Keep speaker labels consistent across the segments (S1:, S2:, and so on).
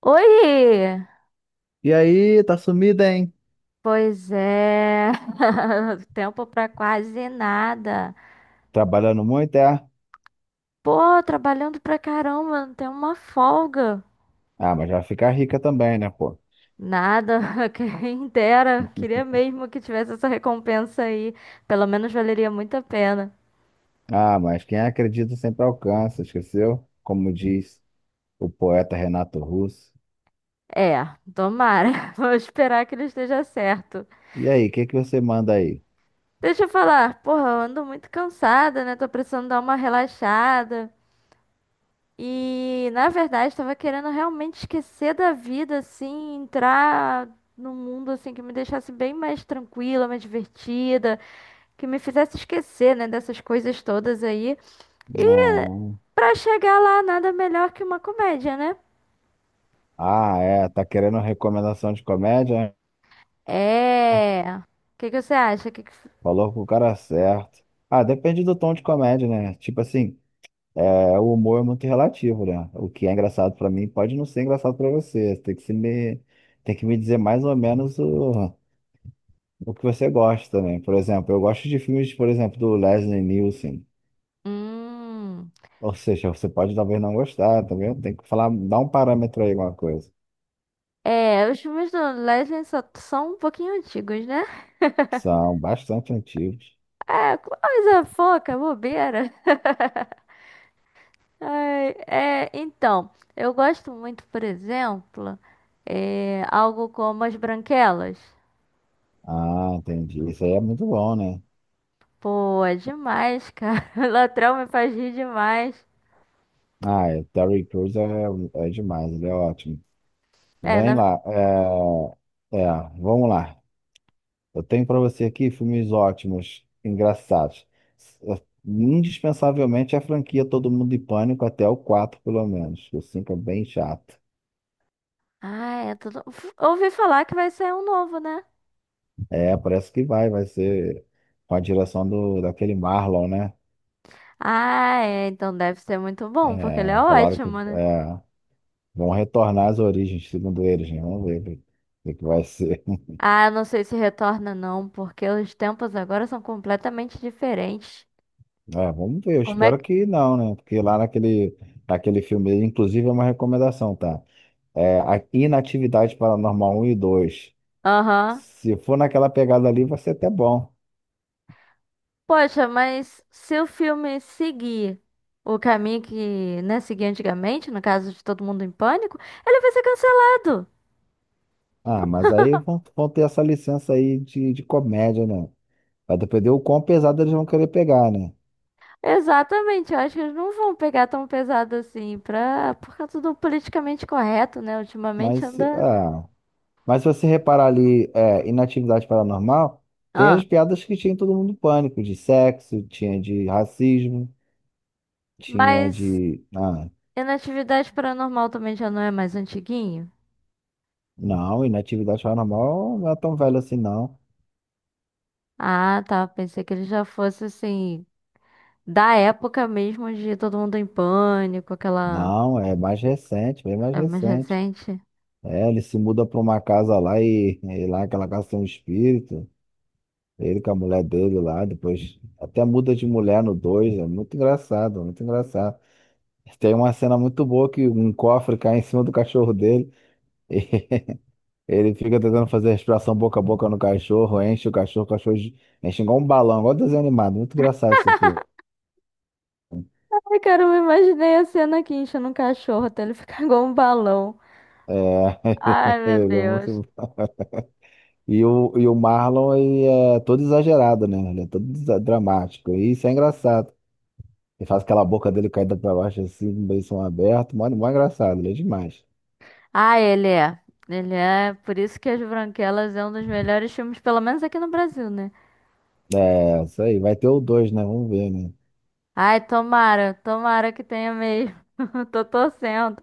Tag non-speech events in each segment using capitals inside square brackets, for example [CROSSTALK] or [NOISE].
S1: Oi!
S2: E aí, tá sumida, hein?
S1: Pois é, [LAUGHS] tempo pra quase nada.
S2: Trabalhando muito, é?
S1: Pô, trabalhando pra caramba, não tem uma folga.
S2: Ah, mas vai ficar rica também, né, pô?
S1: Nada, [LAUGHS] quem dera. Queria
S2: [LAUGHS]
S1: mesmo que tivesse essa recompensa aí. Pelo menos valeria muito a pena.
S2: Ah, mas quem acredita sempre alcança, esqueceu? Como diz o poeta Renato Russo.
S1: É, tomara. [LAUGHS] Vou esperar que ele esteja certo.
S2: E aí, o que que você manda aí?
S1: Deixa eu falar, porra, eu ando muito cansada, né? Tô precisando dar uma relaxada. E na verdade estava querendo realmente esquecer da vida, assim, entrar num mundo assim que me deixasse bem mais tranquila, mais divertida, que me fizesse esquecer, né, dessas coisas todas aí. E
S2: Não.
S1: pra chegar lá, nada melhor que uma comédia, né?
S2: Ah, é, tá querendo recomendação de comédia? Né?
S1: É. O que que você acha? Que que...
S2: Falou com o cara certo. Ah, depende do tom de comédia, né? Tipo assim, é, o humor é muito relativo, né? O que é engraçado pra mim pode não ser engraçado pra você. Você Tem que se me, tem que me dizer mais ou menos o, que você gosta, né? Por exemplo, eu gosto de filmes, por exemplo, do Leslie Nielsen.
S1: Hum.
S2: Ou seja, você pode talvez não gostar, também tem que falar, dar um parâmetro aí, alguma coisa.
S1: É, os filmes do Leslie só são um pouquinho antigos, né?
S2: São bastante antigos.
S1: É, coisa foca, bobeira. [LAUGHS] Ai, é, então, eu gosto muito, por exemplo, é, algo como As Branquelas.
S2: Ah, entendi. Isso aí é muito bom, né?
S1: Pô, é demais, cara. [LAUGHS] O Latrão me faz rir demais.
S2: Ah, é, Terry Crews é, é, demais, ele é ótimo.
S1: É,
S2: Vem
S1: na...
S2: lá, é, é, vamos lá. Eu tenho para você aqui filmes ótimos, engraçados. S- Indispensavelmente, a franquia Todo Mundo em Pânico, até o 4, pelo menos. O 5 é bem chato.
S1: Ah, é tudo... Uf, ouvi falar que vai sair um novo, né?
S2: É, parece que vai, ser com a direção daquele Marlon, né?
S1: Ah, é, então deve ser muito bom, porque ele é
S2: É, falaram
S1: ótimo, né?
S2: vão retornar às origens, segundo eles, né? Vamos ver o que vai ser. [LAUGHS]
S1: Ah, eu não sei se retorna não, porque os tempos agora são completamente diferentes.
S2: É, vamos ver, eu
S1: Como é
S2: espero
S1: que...
S2: que não, né? Porque lá naquele filme, inclusive é uma recomendação, tá? É, a Inatividade Paranormal um e dois.
S1: Aham.
S2: Se for naquela pegada ali, vai ser até bom.
S1: Poxa, mas se o filme seguir o caminho que, né, seguia antigamente, no caso de Todo Mundo em Pânico, ele vai ser cancelado.
S2: Ah, mas aí vão ter essa licença aí de comédia, né? Vai depender o quão pesado eles vão querer pegar, né?
S1: Exatamente, eu acho que eles não vão pegar tão pesado assim, pra, por causa do politicamente correto, né? Ultimamente
S2: Mas,
S1: anda.
S2: ah, Mas se você reparar ali, inatividade paranormal, tem as
S1: Ah.
S2: piadas que tinha em Todo Mundo em Pânico, de sexo, tinha de racismo, tinha
S1: Mas
S2: de. Ah,
S1: Inatividade Paranormal também já não é mais antiguinho?
S2: não, inatividade paranormal não é tão velho assim, não.
S1: Ah, tá. Pensei que ele já fosse assim, da época mesmo de Todo Mundo em Pânico, aquela.
S2: Não, é mais recente, bem mais
S1: É mais
S2: recente.
S1: recente.
S2: É, ele se muda para uma casa lá e lá naquela casa tem um espírito. Ele com a mulher dele lá, depois até muda de mulher no dois. É muito engraçado, muito engraçado. Tem uma cena muito boa que um cofre cai em cima do cachorro dele. [LAUGHS] Ele fica tentando fazer respiração boca a boca no cachorro, enche o cachorro enche igual um balão, igual desenho animado. Muito engraçado esse filme.
S1: Ai, cara, eu imaginei a cena aqui enchendo um cachorro até ele ficar [LAUGHS] igual um balão.
S2: É,
S1: Ai,
S2: [LAUGHS]
S1: meu
S2: ele é muito...
S1: Deus.
S2: bom. E o Marlon, ele é todo exagerado, né? Ele é todo dramático. E isso é engraçado. Ele faz aquela boca dele caída pra baixo, assim, com o beição aberto. Mó, mó engraçado, ele é demais.
S1: Ah, ele é. Ele é. Por isso que As Branquelas é um dos melhores filmes, pelo menos aqui no Brasil, né?
S2: É, isso aí. Vai ter o dois, né? Vamos ver, né?
S1: Ai, tomara, tomara que tenha mesmo. [LAUGHS] Eu tô torcendo.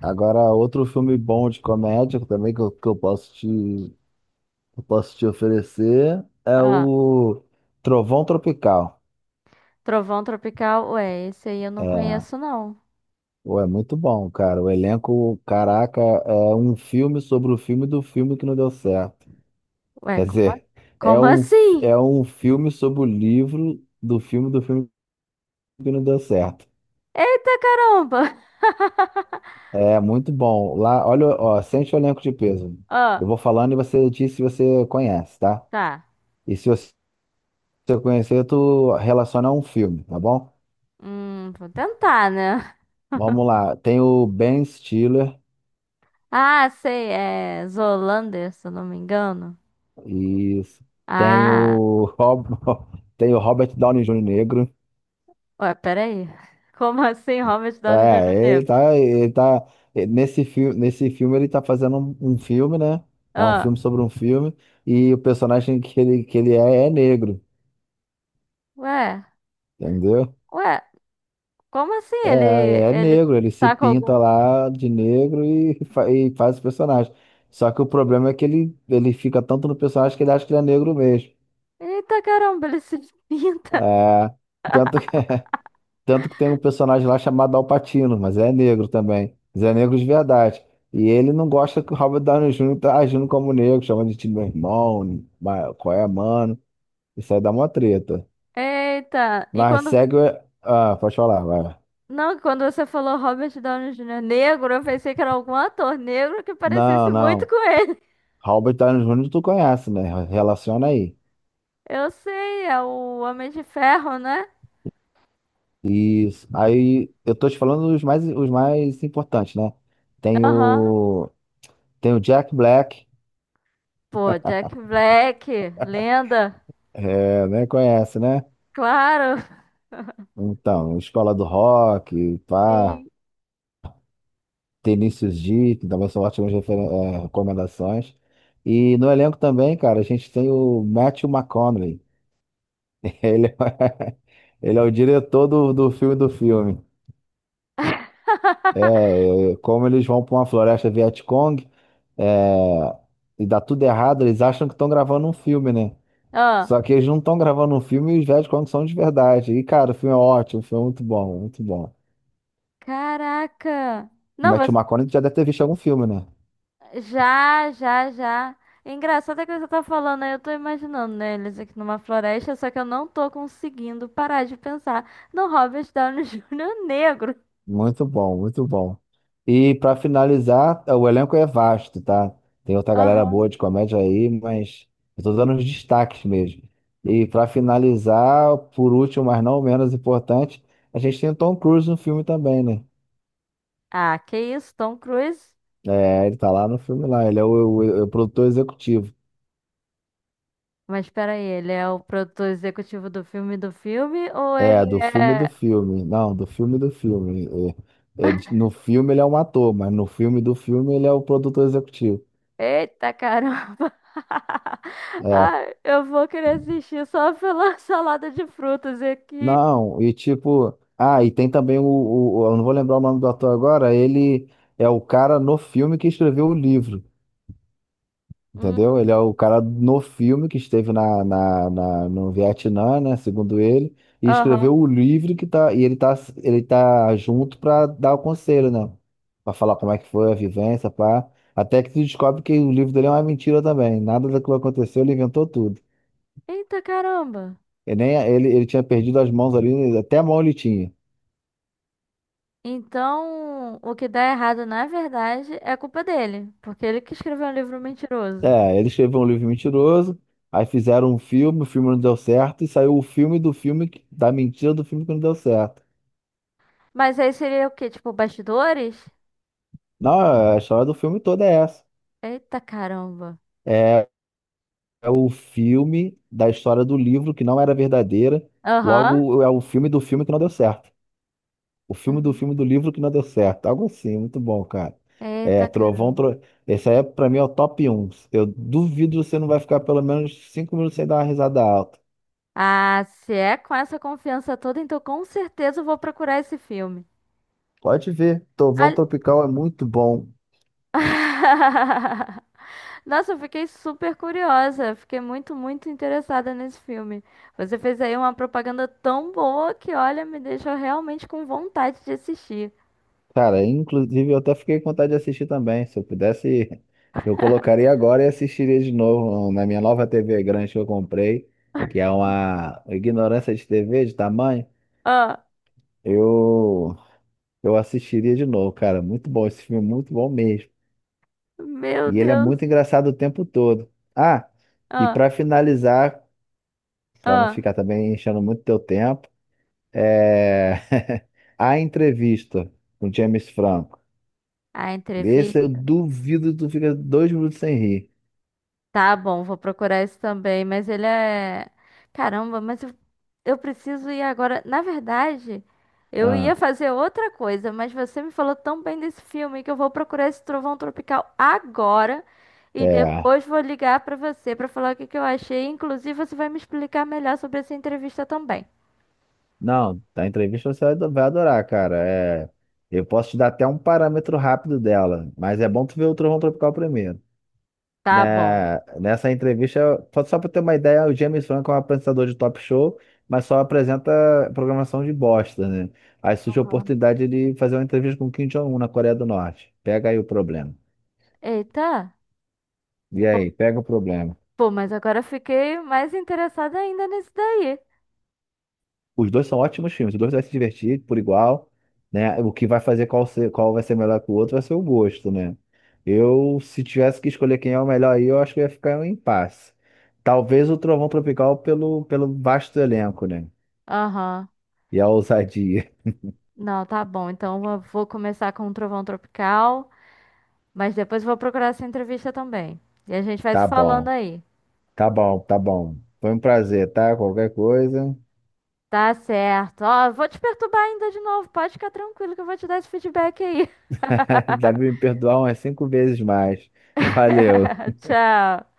S2: Agora, outro filme bom de comédia também que eu posso te oferecer é
S1: Ah,
S2: o Trovão Tropical.
S1: Trovão Tropical, ué, esse aí eu não
S2: É,
S1: conheço, não.
S2: pô, é muito bom, cara. O elenco, caraca, é um filme sobre o filme do filme que não deu certo.
S1: Ué,
S2: Quer
S1: como, a-
S2: dizer, é
S1: como
S2: um,
S1: assim?
S2: é um filme sobre o livro do filme que não deu certo.
S1: Eita caramba! [LAUGHS]
S2: É muito bom. Lá, olha, ó, sente o elenco de peso.
S1: Ó,
S2: Eu vou falando e você diz se você conhece, tá?
S1: tá.
S2: E se você conhecer, tu relaciona a um filme, tá bom?
S1: Vou tentar, né?
S2: Vamos lá. Tem o Ben Stiller.
S1: Ah, sei, é Zoolander, se eu não me engano.
S2: Isso. Tem
S1: Ah,
S2: o, Rob... [LAUGHS] tem o Robert Downey Jr. negro.
S1: ué, peraí. [LAUGHS] Como assim, Robert Downey
S2: É,
S1: Jr.
S2: ele
S1: negro?
S2: tá, ele tá nesse filme ele tá fazendo um filme, né? É um
S1: Ah,
S2: filme sobre um filme e o personagem que ele é negro,
S1: ué,
S2: entendeu?
S1: ué, como assim?
S2: É,
S1: Ele,
S2: é
S1: ele
S2: negro, ele se
S1: tá com
S2: pinta
S1: algum.
S2: lá de negro e faz o personagem. Só que o problema é que ele fica tanto no personagem que ele acha que ele é negro mesmo.
S1: Eita caramba, ele se [LAUGHS] pinta.
S2: É, tanto que [LAUGHS] Tanto que tem um personagem lá chamado Al Pacino, mas é negro também. Mas é negro de verdade. E ele não gosta que o Robert Downey Jr. tá agindo como negro, chamando de time meu irmão, qual é, mano? Isso aí dá uma treta.
S1: Eita, e
S2: Mas
S1: quando.
S2: segue. Ah, pode falar, vai.
S1: Não, quando você falou Robert Downey Jr. negro, eu pensei que era algum ator negro que parecesse
S2: Não,
S1: muito
S2: não.
S1: com ele. [LAUGHS]
S2: Robert Downey Jr. tu conhece, né? Relaciona aí.
S1: Eu sei, é o Homem de Ferro, né?
S2: Isso. Aí eu tô te falando os mais importantes, né? Tem
S1: Aham.
S2: o, tem o Jack Black,
S1: Pô, Jack Black, lenda.
S2: é, né? Conhece, né?
S1: Claro,
S2: Então, Escola do Rock,
S1: [LAUGHS]
S2: pá,
S1: sim.
S2: Vinícius D, que também são ótimas recomendações. E no elenco também, cara, a gente tem o Matthew McConaughey. [LAUGHS] Ele é, ele é o diretor do filme do filme. Como eles vão para uma floresta Vietcong, é, e dá tudo errado, eles acham que estão gravando um filme, né?
S1: Ah,
S2: Só que eles não estão gravando um filme e os Vietcong são de verdade. E, cara, o filme é ótimo, o filme é muito bom, muito bom.
S1: caraca.
S2: O
S1: Não,
S2: Matthew McConaughey já deve ter visto algum filme, né?
S1: já, já, já. É engraçado é que você tá falando aí, eu tô imaginando, né, eles aqui numa floresta, só que eu não tô conseguindo parar de pensar no Robert Downey [LAUGHS] Júnior negro.
S2: Muito bom, muito bom. E para finalizar, o elenco é vasto, tá? Tem outra galera boa
S1: Aham.
S2: de comédia aí, mas eu tô dando os destaques mesmo. E para finalizar, por último, mas não menos importante, a gente tem o Tom Cruise no filme também, né?
S1: Ah, que isso, Tom Cruise?
S2: É, ele tá lá no filme lá, ele é o produtor executivo.
S1: Mas espera aí, ele é o produtor executivo do filme ou ele
S2: É, do filme do
S1: é...
S2: filme. Não, do filme do filme. No filme ele é um ator, mas no filme do filme ele é o produtor executivo.
S1: Eita caramba! [LAUGHS]
S2: É.
S1: Ai, eu vou querer assistir só pela [LAUGHS] salada de frutas aqui.
S2: Não, e tipo, e tem também o eu não vou lembrar o nome do ator agora, ele é o cara no filme que escreveu o livro, entendeu?
S1: Hum,
S2: Ele é o cara no filme que esteve no Vietnã, né, segundo ele, e escreveu
S1: aham.
S2: o livro e ele tá junto pra dar o conselho, né? Pra falar como é que foi a vivência, pá. Até que se descobre que o livro dele é uma mentira também, nada daquilo aconteceu, ele inventou tudo.
S1: Eita caramba!
S2: Ele, nem, ele tinha perdido as mãos ali, até a mão ele tinha.
S1: Então, o que dá errado, na verdade, é culpa dele, porque ele que escreveu um livro mentiroso.
S2: É, ele escreveu um livro mentiroso, aí fizeram um filme, o filme não deu certo, e saiu o filme do filme, da mentira do filme que não deu certo.
S1: Mas aí seria o quê? Tipo, bastidores?
S2: Não, a história do filme toda é essa.
S1: Eita caramba.
S2: É, é o filme da história do livro que não era verdadeira,
S1: Aham.
S2: logo é o filme do filme que não deu certo. O
S1: Uhum.
S2: filme do livro que não deu certo. Algo assim, muito bom, cara. É,
S1: Eita caramba.
S2: Esse aí, é, pra mim, é o top um. Eu duvido você não vai ficar pelo menos 5 minutos sem dar uma risada alta.
S1: Ah, se é com essa confiança toda, então com certeza eu vou procurar esse filme.
S2: Pode ver, Trovão
S1: Ali-
S2: Tropical é muito bom.
S1: [LAUGHS] Nossa, eu fiquei super curiosa. Fiquei muito, muito interessada nesse filme. Você fez aí uma propaganda tão boa que, olha, me deixou realmente com vontade de assistir.
S2: Cara, inclusive eu até fiquei com vontade de assistir também. Se eu pudesse, [LAUGHS] eu colocaria agora e assistiria de novo um, na minha nova TV grande que eu comprei, que é uma ignorância de TV de tamanho.
S1: Ah,
S2: Eu eu assistiria de novo, cara. Muito bom esse filme, é muito bom mesmo.
S1: meu
S2: E ele é
S1: Deus.
S2: muito engraçado o tempo todo. Ah, e
S1: Ah,
S2: pra finalizar, pra não
S1: ah.
S2: ficar também enchendo muito teu tempo, é [LAUGHS] a entrevista com James Franco.
S1: A
S2: Esse eu
S1: entrevista.
S2: duvido que tu fica 2 minutos sem rir.
S1: Tá bom, vou procurar isso também. Mas ele é. Caramba, mas eu preciso ir agora. Na verdade, eu
S2: Ah,
S1: ia fazer outra coisa, mas você me falou tão bem desse filme que eu vou procurar esse Trovão Tropical agora. E
S2: é.
S1: depois vou ligar pra você pra falar o que que eu achei. Inclusive, você vai me explicar melhor sobre essa entrevista também.
S2: Não, da entrevista você vai adorar, cara. É, eu posso te dar até um parâmetro rápido dela, mas é bom tu ver o Trovão Tropical primeiro.
S1: Tá bom.
S2: Né, nessa entrevista, só pra ter uma ideia, o James Franco é um apresentador de talk show, mas só apresenta programação de bosta, né? Aí surge a
S1: Aham.
S2: oportunidade de fazer uma entrevista com Kim Jong-un na Coreia do Norte. Pega aí o problema.
S1: Eita.
S2: E aí, pega o problema.
S1: Pô, mas agora eu fiquei mais interessada ainda nesse daí.
S2: Os dois são ótimos filmes, os dois vai se divertir por igual, né? O que vai fazer qual vai ser melhor que o outro vai ser o gosto, né? Eu, se tivesse que escolher quem é o melhor aí, eu acho que ia ficar em um impasse. Talvez o Trovão Tropical pelo vasto elenco, né?
S1: Aham.
S2: E a ousadia. [LAUGHS]
S1: Não, tá bom. Então eu vou começar com o Trovão Tropical, mas depois vou procurar essa entrevista também. E a gente vai se
S2: Tá
S1: falando
S2: bom,
S1: aí.
S2: tá bom, tá bom. Foi um prazer, tá? Qualquer coisa.
S1: Tá certo. Ó, eu vou te perturbar ainda de novo. Pode ficar tranquilo que eu vou te dar esse feedback aí.
S2: [LAUGHS] Deve me perdoar umas cinco vezes mais. Valeu.
S1: [LAUGHS] Tchau.